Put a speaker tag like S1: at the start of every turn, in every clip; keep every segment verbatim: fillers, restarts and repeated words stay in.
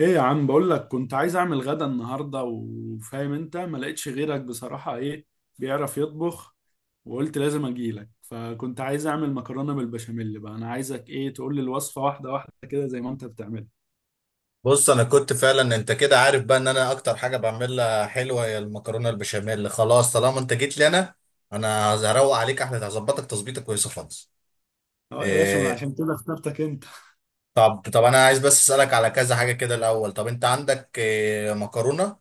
S1: ايه يا عم، بقول لك كنت عايز اعمل غدا النهارده، وفاهم انت ما لقيتش غيرك بصراحه. ايه بيعرف يطبخ، وقلت لازم اجيلك. فكنت عايز اعمل مكرونه بالبشاميل، بقى انا عايزك ايه، تقول لي الوصفه واحده واحده كده زي ما انت بتعملها.
S2: بص انا كنت فعلا، انت كده عارف بقى ان انا اكتر حاجه بعملها حلوه هي المكرونه البشاميل. خلاص طالما انت جيت لي، انا انا هروق عليك احلى، هظبطك تظبيطه كويسه خالص.
S1: اه يا باشا، ما أنا
S2: إيه؟
S1: عشان كده اخترتك انت.
S2: طب طب انا عايز بس اسالك على كذا حاجه كده الاول. طب انت عندك إيه مكرونه؟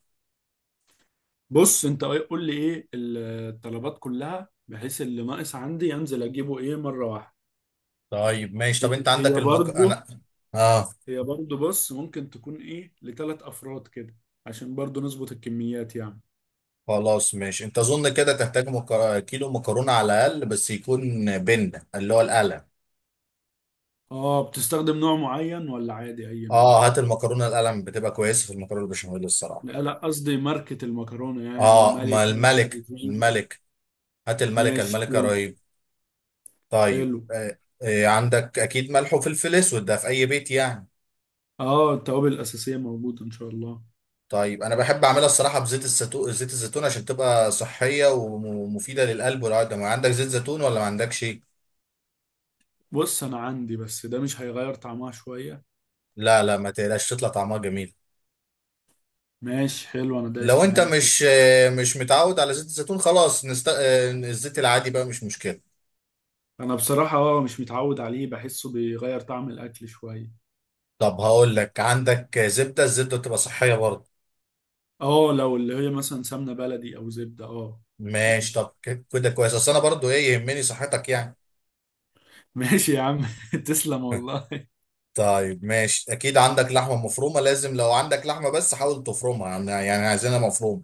S1: بص انت إيه- قول لي ايه ال- الطلبات كلها، بحيث اللي ناقص عندي انزل اجيبه ايه مره واحده.
S2: طيب ماشي.
S1: هي
S2: طب انت عندك
S1: هي
S2: المك
S1: برضو.
S2: انا. اه
S1: هي برضو. بص ممكن تكون ايه لثلاث افراد كده، عشان برضو نظبط الكميات يعني.
S2: خلاص ماشي. انت اظن كده تحتاج مك... كيلو مكرونه على الاقل، بس يكون بن اللي هو القلم.
S1: اه بتستخدم نوع معين ولا عادي اي نوع؟
S2: اه هات المكرونه القلم بتبقى كويسه في المكرونه البشاميل الصراحه.
S1: لا لا، قصدي ماركة المكرونة يعني،
S2: اه ما
S1: الملكة
S2: الملك،
S1: الرزينة.
S2: الملك. هات الملكة،
S1: ماشي
S2: الملكة
S1: حلو.
S2: رهيب. طيب
S1: حلو.
S2: آه آه، عندك اكيد ملح وفلفل اسود، ده في اي بيت يعني.
S1: اه التوابل الأساسية موجودة إن شاء الله.
S2: طيب انا بحب اعملها الصراحة بزيت الزيتون، زيت الزيتون عشان تبقى صحية ومفيدة للقلب والعظم. عندك زيت زيتون ولا ما عندكش؟
S1: بص أنا عندي، بس ده مش هيغير طعمها شوية؟
S2: لا لا، ما تقلقش، تطلع طعمها جميل.
S1: ماشي حلو، أنا
S2: لو
S1: دايس
S2: انت
S1: معاك.
S2: مش آه مش متعود على زيت الزيتون، خلاص نست... آه الزيت العادي بقى مش مشكلة.
S1: أنا بصراحة اه مش متعود عليه، بحسه بيغير طعم الأكل شوية.
S2: طب هقول لك، عندك زبدة؟ الزبدة بتبقى صحية برضه.
S1: اه لو اللي هي مثلا سمنة بلدي أو زبدة اه
S2: ماشي،
S1: ماشي.
S2: طب كده كويس، اصل انا برضه ايه يهمني صحتك يعني.
S1: ماشي يا عم. تسلم والله.
S2: طيب ماشي، اكيد عندك لحمه مفرومه؟ لازم، لو عندك لحمه بس حاول تفرمها، يعني يعني عايزينها مفرومه.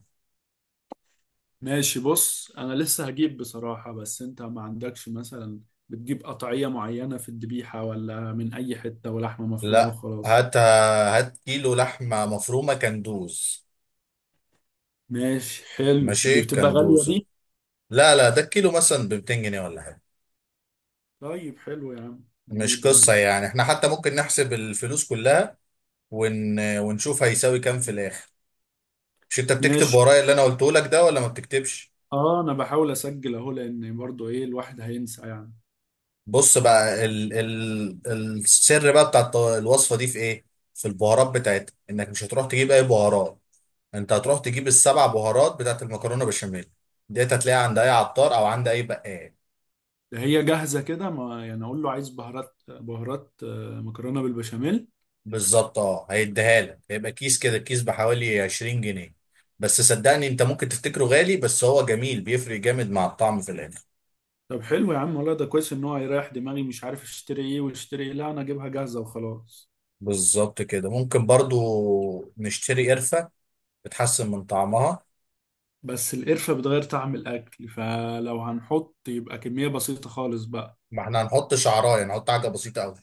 S1: ماشي. بص انا لسه هجيب بصراحة، بس انت ما عندكش مثلا بتجيب قطعية معينة في الذبيحة، ولا من اي حتة ولحمة مفرومة
S2: لا،
S1: وخلاص؟
S2: هات هات كيلو لحمه مفرومه كندوز.
S1: ماشي حلو، دي
S2: ماشي
S1: بتبقى غالية
S2: كندوزه.
S1: دي.
S2: لا لا، ده الكيلو مثلا ب ميتين جنيه ولا حاجه.
S1: طيب حلو يا عم،
S2: مش
S1: نجيبه.
S2: قصه
S1: ماشي،
S2: يعني، احنا حتى ممكن نحسب الفلوس كلها ون... ونشوف هيساوي كام في الاخر. مش انت بتكتب
S1: ماشي.
S2: ورايا اللي انا قلته لك ده ولا ما بتكتبش؟
S1: اه انا بحاول اسجل اهو، لان برضو ايه الواحد هينسى يعني.
S2: بص بقى ال... ال... السر بقى بتاع الط- الوصفه دي في ايه؟ في البهارات بتاعتها، انك مش هتروح تجيب اي بهارات، انت هتروح تجيب السبع بهارات بتاعت المكرونه بشاميل، ديت هتلاقيها عند اي عطار او عند اي بقال.
S1: ده هي جاهزة كده ما، يعني اقول له عايز بهارات بهارات آه، مكرونة بالبشاميل؟
S2: بالظبط اه، هيديها لك، هيبقى كيس كده الكيس بحوالي عشرين جنيه. بس صدقني، انت ممكن تفتكره غالي بس هو جميل بيفرق جامد مع الطعم في الاخر.
S1: طب حلو يا عم، والله ده كويس ان هو هيريح دماغي، مش عارف اشتري ايه واشتري ايه، لا انا اجيبها جاهزة وخلاص.
S2: بالظبط كده ممكن برضو نشتري قرفه، بتحسن من طعمها.
S1: بس القرفة بتغير طعم الأكل، فلو هنحط يبقى كمية بسيطة خالص بقى.
S2: ما احنا هنحط شعرايه، نحط حاجه بسيطه قوي.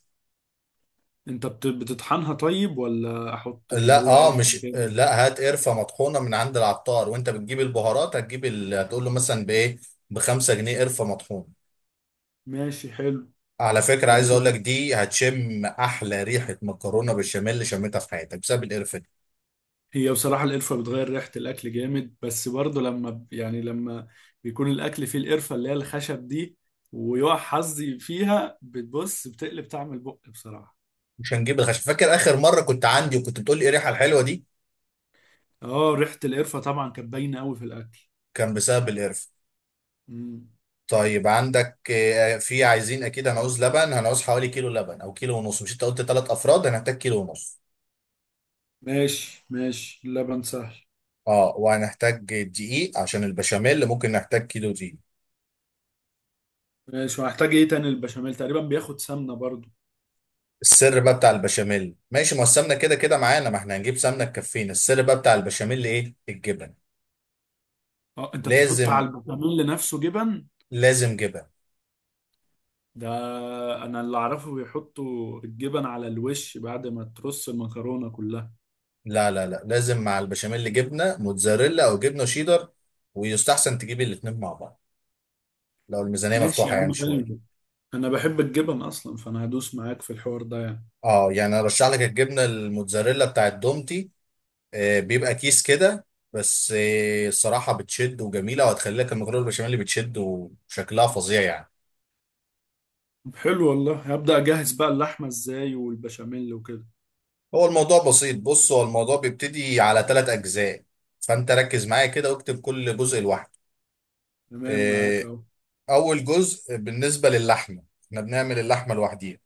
S1: أنت بت- بتطحنها طيب، ولا أحط اللي
S2: لا
S1: هو
S2: اه،
S1: قرفة
S2: مش
S1: كده؟
S2: لا، هات قرفه مطحونه من عند العطار، وانت بتجيب البهارات هتجيب ال... هتقول له مثلا بايه، بخمسة جنيه قرفه مطحونه.
S1: ماشي حلو.
S2: على فكرة
S1: بعد
S2: عايز اقول لك،
S1: كده،
S2: دي هتشم احلى ريحة مكرونة بالبشاميل اللي شميتها في حياتك بسبب القرفة دي.
S1: هي بصراحة القرفة بتغير ريحة الأكل جامد، بس برضه لما ب- يعني لما بيكون الأكل فيه القرفة اللي هي الخشب دي، ويقع حظي فيها، بتبص بتقلب طعم البق بصراحة.
S2: مش هنجيب الخشب. فاكر اخر مرة كنت عندي وكنت بتقول لي ايه الريحة الحلوة دي؟
S1: اه ريحة القرفة طبعا كانت باينة أوي في الأكل.
S2: كان بسبب القرفة.
S1: مم.
S2: طيب عندك آه، في، عايزين اكيد هنعوز لبن، هنعوز حوالي كيلو لبن او كيلو ونص، مش انت قلت ثلاث افراد؟ هنحتاج كيلو ونص.
S1: ماشي، ماشي. اللبن سهل.
S2: اه وهنحتاج دقيق عشان البشاميل، ممكن نحتاج كيلو دقيق.
S1: ماشي، وهحتاج ايه تاني؟ البشاميل تقريبا بياخد سمنه برضو.
S2: السر بقى بتاع البشاميل، ماشي ما السمنة كده كده معانا، ما احنا هنجيب سمنة تكفينا. السر بقى بتاع البشاميل ايه؟ الجبن.
S1: اه انت بتحط
S2: لازم،
S1: على البشاميل نفسه جبن؟
S2: لازم جبن.
S1: ده انا اللي اعرفه بيحطوا الجبن على الوش بعد ما ترص المكرونه كلها.
S2: لا لا لا، لازم مع البشاميل جبنه موتزاريلا او جبنه شيدر، ويستحسن تجيب الاثنين مع بعض لو الميزانيه
S1: ماشي يا
S2: مفتوحه يعني
S1: عم
S2: شويه.
S1: حلو، انا بحب الجبن اصلا، فانا هدوس معاك في الحوار ده يعني.
S2: اه يعني ارشح لك الجبنه الموتزاريلا بتاعت دومتي، آه بيبقى كيس كده. بس آه الصراحه بتشد وجميله، وهتخلي لك المكرونه البشاميل اللي بتشد وشكلها فظيع يعني.
S1: طب حلو والله، هبدا اجهز بقى اللحمه ازاي والبشاميل وكده.
S2: هو الموضوع بسيط، بص، هو الموضوع بيبتدي على ثلاث اجزاء، فانت ركز معايا كده واكتب كل جزء لوحده.
S1: تمام معاك
S2: آه،
S1: اهو.
S2: اول جزء بالنسبه للحمه، احنا بنعمل اللحمه لوحديها.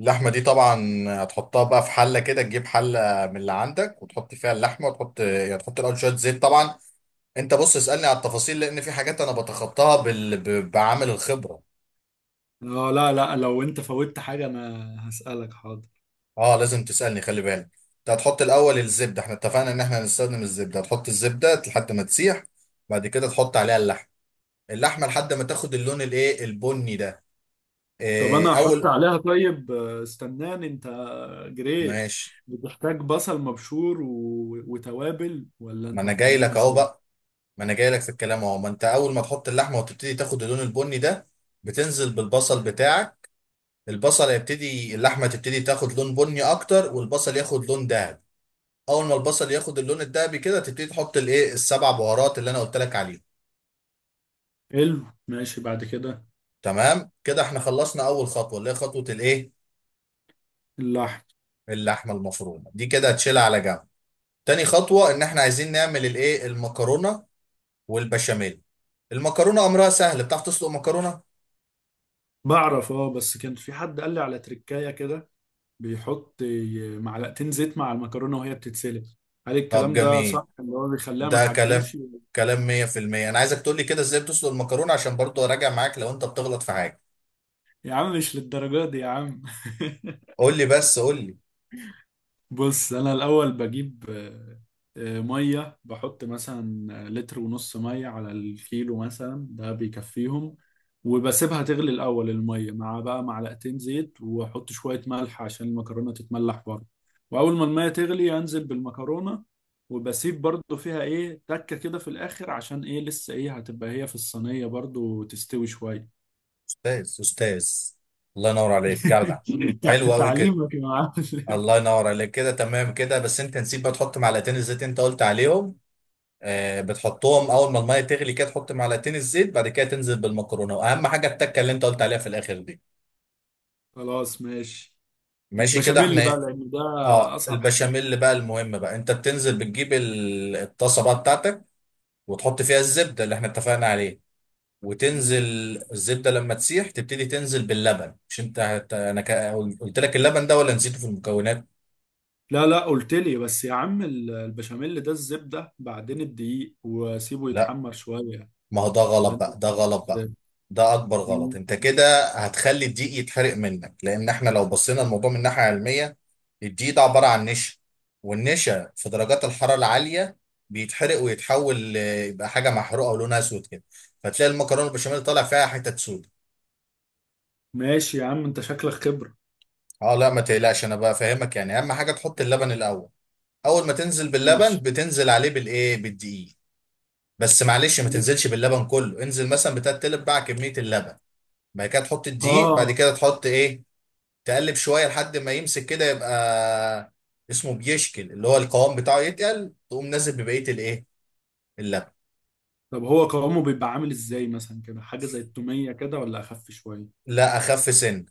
S2: اللحمة دي طبعا هتحطها بقى في حلة كده، تجيب حلة من اللي عندك وتحط فيها اللحمة، وتحط يعني تحط الأول شوية زيت طبعا. أنت بص اسألني على التفاصيل، لأن في حاجات أنا بتخطاها بال... ب- بعامل الخبرة.
S1: اه لا لا، لو انت فوتت حاجه انا هسالك حاضر.
S2: أه لازم تسألني، خلي بالك. أنت هتحط الأول الزبدة، إحنا اتفقنا إن إحنا هنستخدم الزبدة، هتحط الزبدة لحد ما تسيح. بعد كده تحط عليها اللحمة، اللحمة لحد ما تاخد اللون الإيه البني ده.
S1: طب
S2: إيه
S1: انا هحط
S2: أول.
S1: عليها طيب، آه، استناني انت، جريت.
S2: ماشي،
S1: بتحتاج بصل مبشور و... وتوابل، ولا
S2: ما
S1: انت
S2: أنا جاي
S1: بتعملها
S2: لك أهو
S1: سوا؟
S2: بقى، ما انا جاي لك في الكلام اهو. ما انت اول ما تحط اللحمه وتبتدي تاخد اللون البني ده، بتنزل بالبصل بتاعك. البصل هيبتدي، اللحمه تبتدي تاخد لون بني اكتر، والبصل ياخد لون دهبي. اول ما البصل ياخد اللون الدهبي كده، تبتدي تحط الايه السبع بهارات اللي انا قلت لك عليهم.
S1: حلو ماشي، بعد كده
S2: تمام كده احنا خلصنا اول خطوه، اللي هي خطوه الايه،
S1: اللحم.
S2: اللحمه المفرومه دي كده هتشيلها على جنب. تاني خطوه ان احنا عايزين نعمل الايه المكرونه والبشاميل. المكرونه امرها سهل، بتعرف تسلق مكرونه.
S1: بعرف، اه بس كان في حد قال لي على تركاية كده، بيحط معلقتين زيت مع المكرونة وهي بتتسلق. هل
S2: طب
S1: الكلام ده
S2: جميل،
S1: صح، اللي هو بيخليها ما
S2: ده كلام،
S1: تعجنش؟
S2: كلام مية في المية. انا عايزك تقول لي كده ازاي بتسلق المكرونه، عشان برضو اراجع معاك لو انت بتغلط في حاجه.
S1: يا عم مش للدرجة دي يا عم.
S2: قول لي بس، قول لي.
S1: بص انا الاول بجيب، آه، آه، ميه. بحط مثلا آه، لتر ونص ميه على الكيلو مثلا، ده بيكفيهم. وبسيبها تغلي الاول الميه مع بقى معلقتين زيت، واحط شويه ملح عشان المكرونه تتملح برضه. واول ما الميه تغلي انزل بالمكرونه، وبسيب برضه فيها ايه تكه كده في الاخر، عشان ايه لسه ايه هتبقى هي في الصينيه برضه تستوي شويه.
S2: استاذ، استاذ. الله ينور عليك جدع.
S1: تع-
S2: حلو قوي كده.
S1: تعليمك يا معلم.
S2: الله ينور عليك، كده تمام كده، بس انت نسيت بقى تحط معلقتين الزيت انت قلت عليهم. آه بتحطهم اول ما الميه تغلي كده، تحط معلقتين الزيت، بعد كده تنزل بالمكرونه، واهم حاجه التكه اللي انت قلت عليها في الاخر دي.
S1: خلاص ماشي.
S2: ماشي كده،
S1: البشاميل
S2: احنا
S1: بقى
S2: إيه؟
S1: لان ده
S2: اه
S1: اصعب حاجه.
S2: البشاميل بقى، المهم بقى انت بتنزل، بتجيب ال- الطاسه بقى بتاعتك، وتحط فيها الزبدة اللي احنا اتفقنا عليه، وتنزل.
S1: تمام.
S2: الزبدة لما تسيح تبتدي تنزل باللبن، مش انت هت... انا ك... قلت لك اللبن ده ولا نسيته في المكونات؟
S1: لا لا، قلت لي بس يا عم ال- البشاميل، ده الزبده بعدين الدقيق وسيبه
S2: لا.
S1: يتحمر شويه.
S2: ما هو ده
S1: ولا
S2: غلط
S1: انت
S2: بقى، ده
S1: بتعمله
S2: غلط بقى.
S1: ازاي؟
S2: ده اكبر غلط،
S1: مم.
S2: انت كده هتخلي الدقيق يتحرق منك، لان احنا لو بصينا الموضوع من ناحية علمية، الدقيق ده عبارة عن نشا، والنشا في درجات الحرارة العالية بيتحرق ويتحول ل- يبقى حاجة محروقة ولونها اسود كده، فتلاقي المكرونة البشاميل طالع فيها حتت سود.
S1: ماشي يا عم، انت شكلك خبره.
S2: اه لا، ما تقلقش انا بقى فاهمك يعني. اهم حاجه تحط اللبن الاول. اول ما تنزل باللبن
S1: ماشي
S2: بتنزل عليه بالايه بالدقيق. بس معلش، ما تنزلش باللبن كله، انزل مثلا بتلات تلت باع كميه اللبن، بعد كده تحط الدقيق، بعد
S1: اه.
S2: كده تحط ايه، تقلب شويه لحد ما يمسك كده، يبقى اسمه بيشكل اللي هو القوام بتاعه، يتقل تقوم نازل ببقيه الايه اللبن.
S1: طب هو قوامه بيبقى عامل ازاي مثلا كده، حاجه زي التوميه كده ولا اخف شويه؟
S2: لا اخف سن.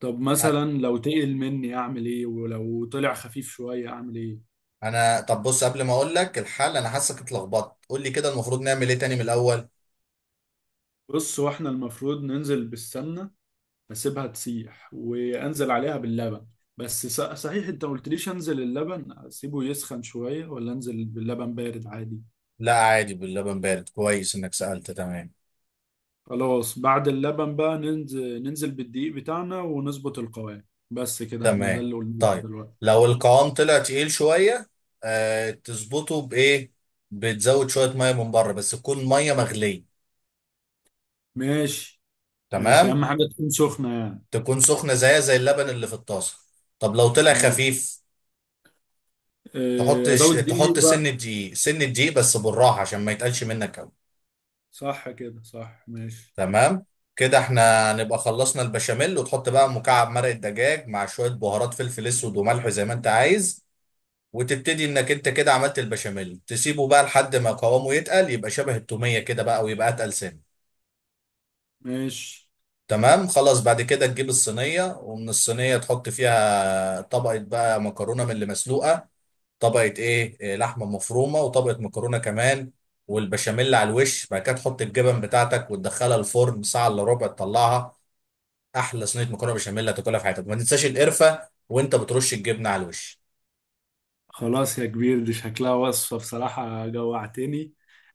S1: طب
S2: أ-
S1: مثلا لو تقل مني اعمل ايه، ولو طلع خفيف شويه اعمل ايه؟
S2: انا طب بص، قبل ما اقول لك الحل، انا حاسك اتلخبطت، قول لي كده المفروض نعمل ايه تاني من الاول.
S1: بص، واحنا المفروض ننزل بالسمنه، بسيبها تسيح وانزل عليها باللبن. بس ص- صحيح انت ما قلتليش، انزل اللبن اسيبه يسخن شوية ولا انزل باللبن بارد عادي؟
S2: لا عادي باللبن بارد، كويس انك سألت. تمام.
S1: خلاص بعد اللبن بقى ننزل ننزل بالدقيق بتاعنا ونظبط القوام. بس كده احنا ده
S2: تمام.
S1: اللي قلناه
S2: طيب،
S1: دلوقتي.
S2: لو القوام طلع تقيل شوية، آه تظبطه بإيه؟ بتزود شوية مية من بره، بس تكون مية مغلية.
S1: ماشي، ماشي. اهم
S2: تمام؟
S1: حاجة تكون سخنة يعني.
S2: تكون سخنة زيها زي اللبن اللي في الطاسة. طب لو طلع
S1: ماشي،
S2: خفيف، تحط
S1: اه،
S2: ش...
S1: ازود دقيق
S2: تحط سن
S1: بقى.
S2: دقيق، سن دقيق بس بالراحة عشان ما يتقلش منك أوي.
S1: صح كده، صح. ماشي،
S2: تمام؟ كده احنا نبقى خلصنا البشاميل، وتحط بقى مكعب مرق الدجاج مع شوية بهارات، فلفل اسود وملح زي ما انت عايز، وتبتدي انك انت كده عملت البشاميل، تسيبه بقى لحد ما قوامه يتقل، يبقى شبه التومية كده بقى، ويبقى اتقل سنة.
S1: ماشي.
S2: تمام خلاص. بعد كده تجيب الصينية ومن الصينية تحط فيها طبقة بقى مكرونة من اللي مسلوقة، طبقة ايه إيه، لحمة مفرومة، وطبقة مكرونة كمان، والبشاميل على الوش، بعد كده تحط الجبن بتاعتك وتدخلها الفرن ساعة الا ربع تطلعها. احلى صينية مكرونة بشاميل هتاكلها في حياتك، ما تنساش القرفة وانت بترش الجبنة على الوش.
S1: خلاص يا كبير، دي شكلها وصفة بصراحة، جوعتني.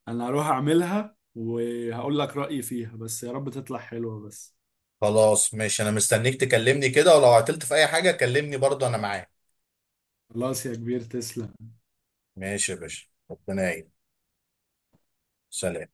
S1: أنا هروح أعملها وهقول لك رأيي فيها، بس يا رب تطلع حلوة بس.
S2: خلاص ماشي، انا مستنيك تكلمني كده، ولو عطلت في اي حاجة كلمني برضه انا معاك.
S1: خلاص يا كبير، تسلم.
S2: ماشي يا باشا، ربنا يعين. سلام.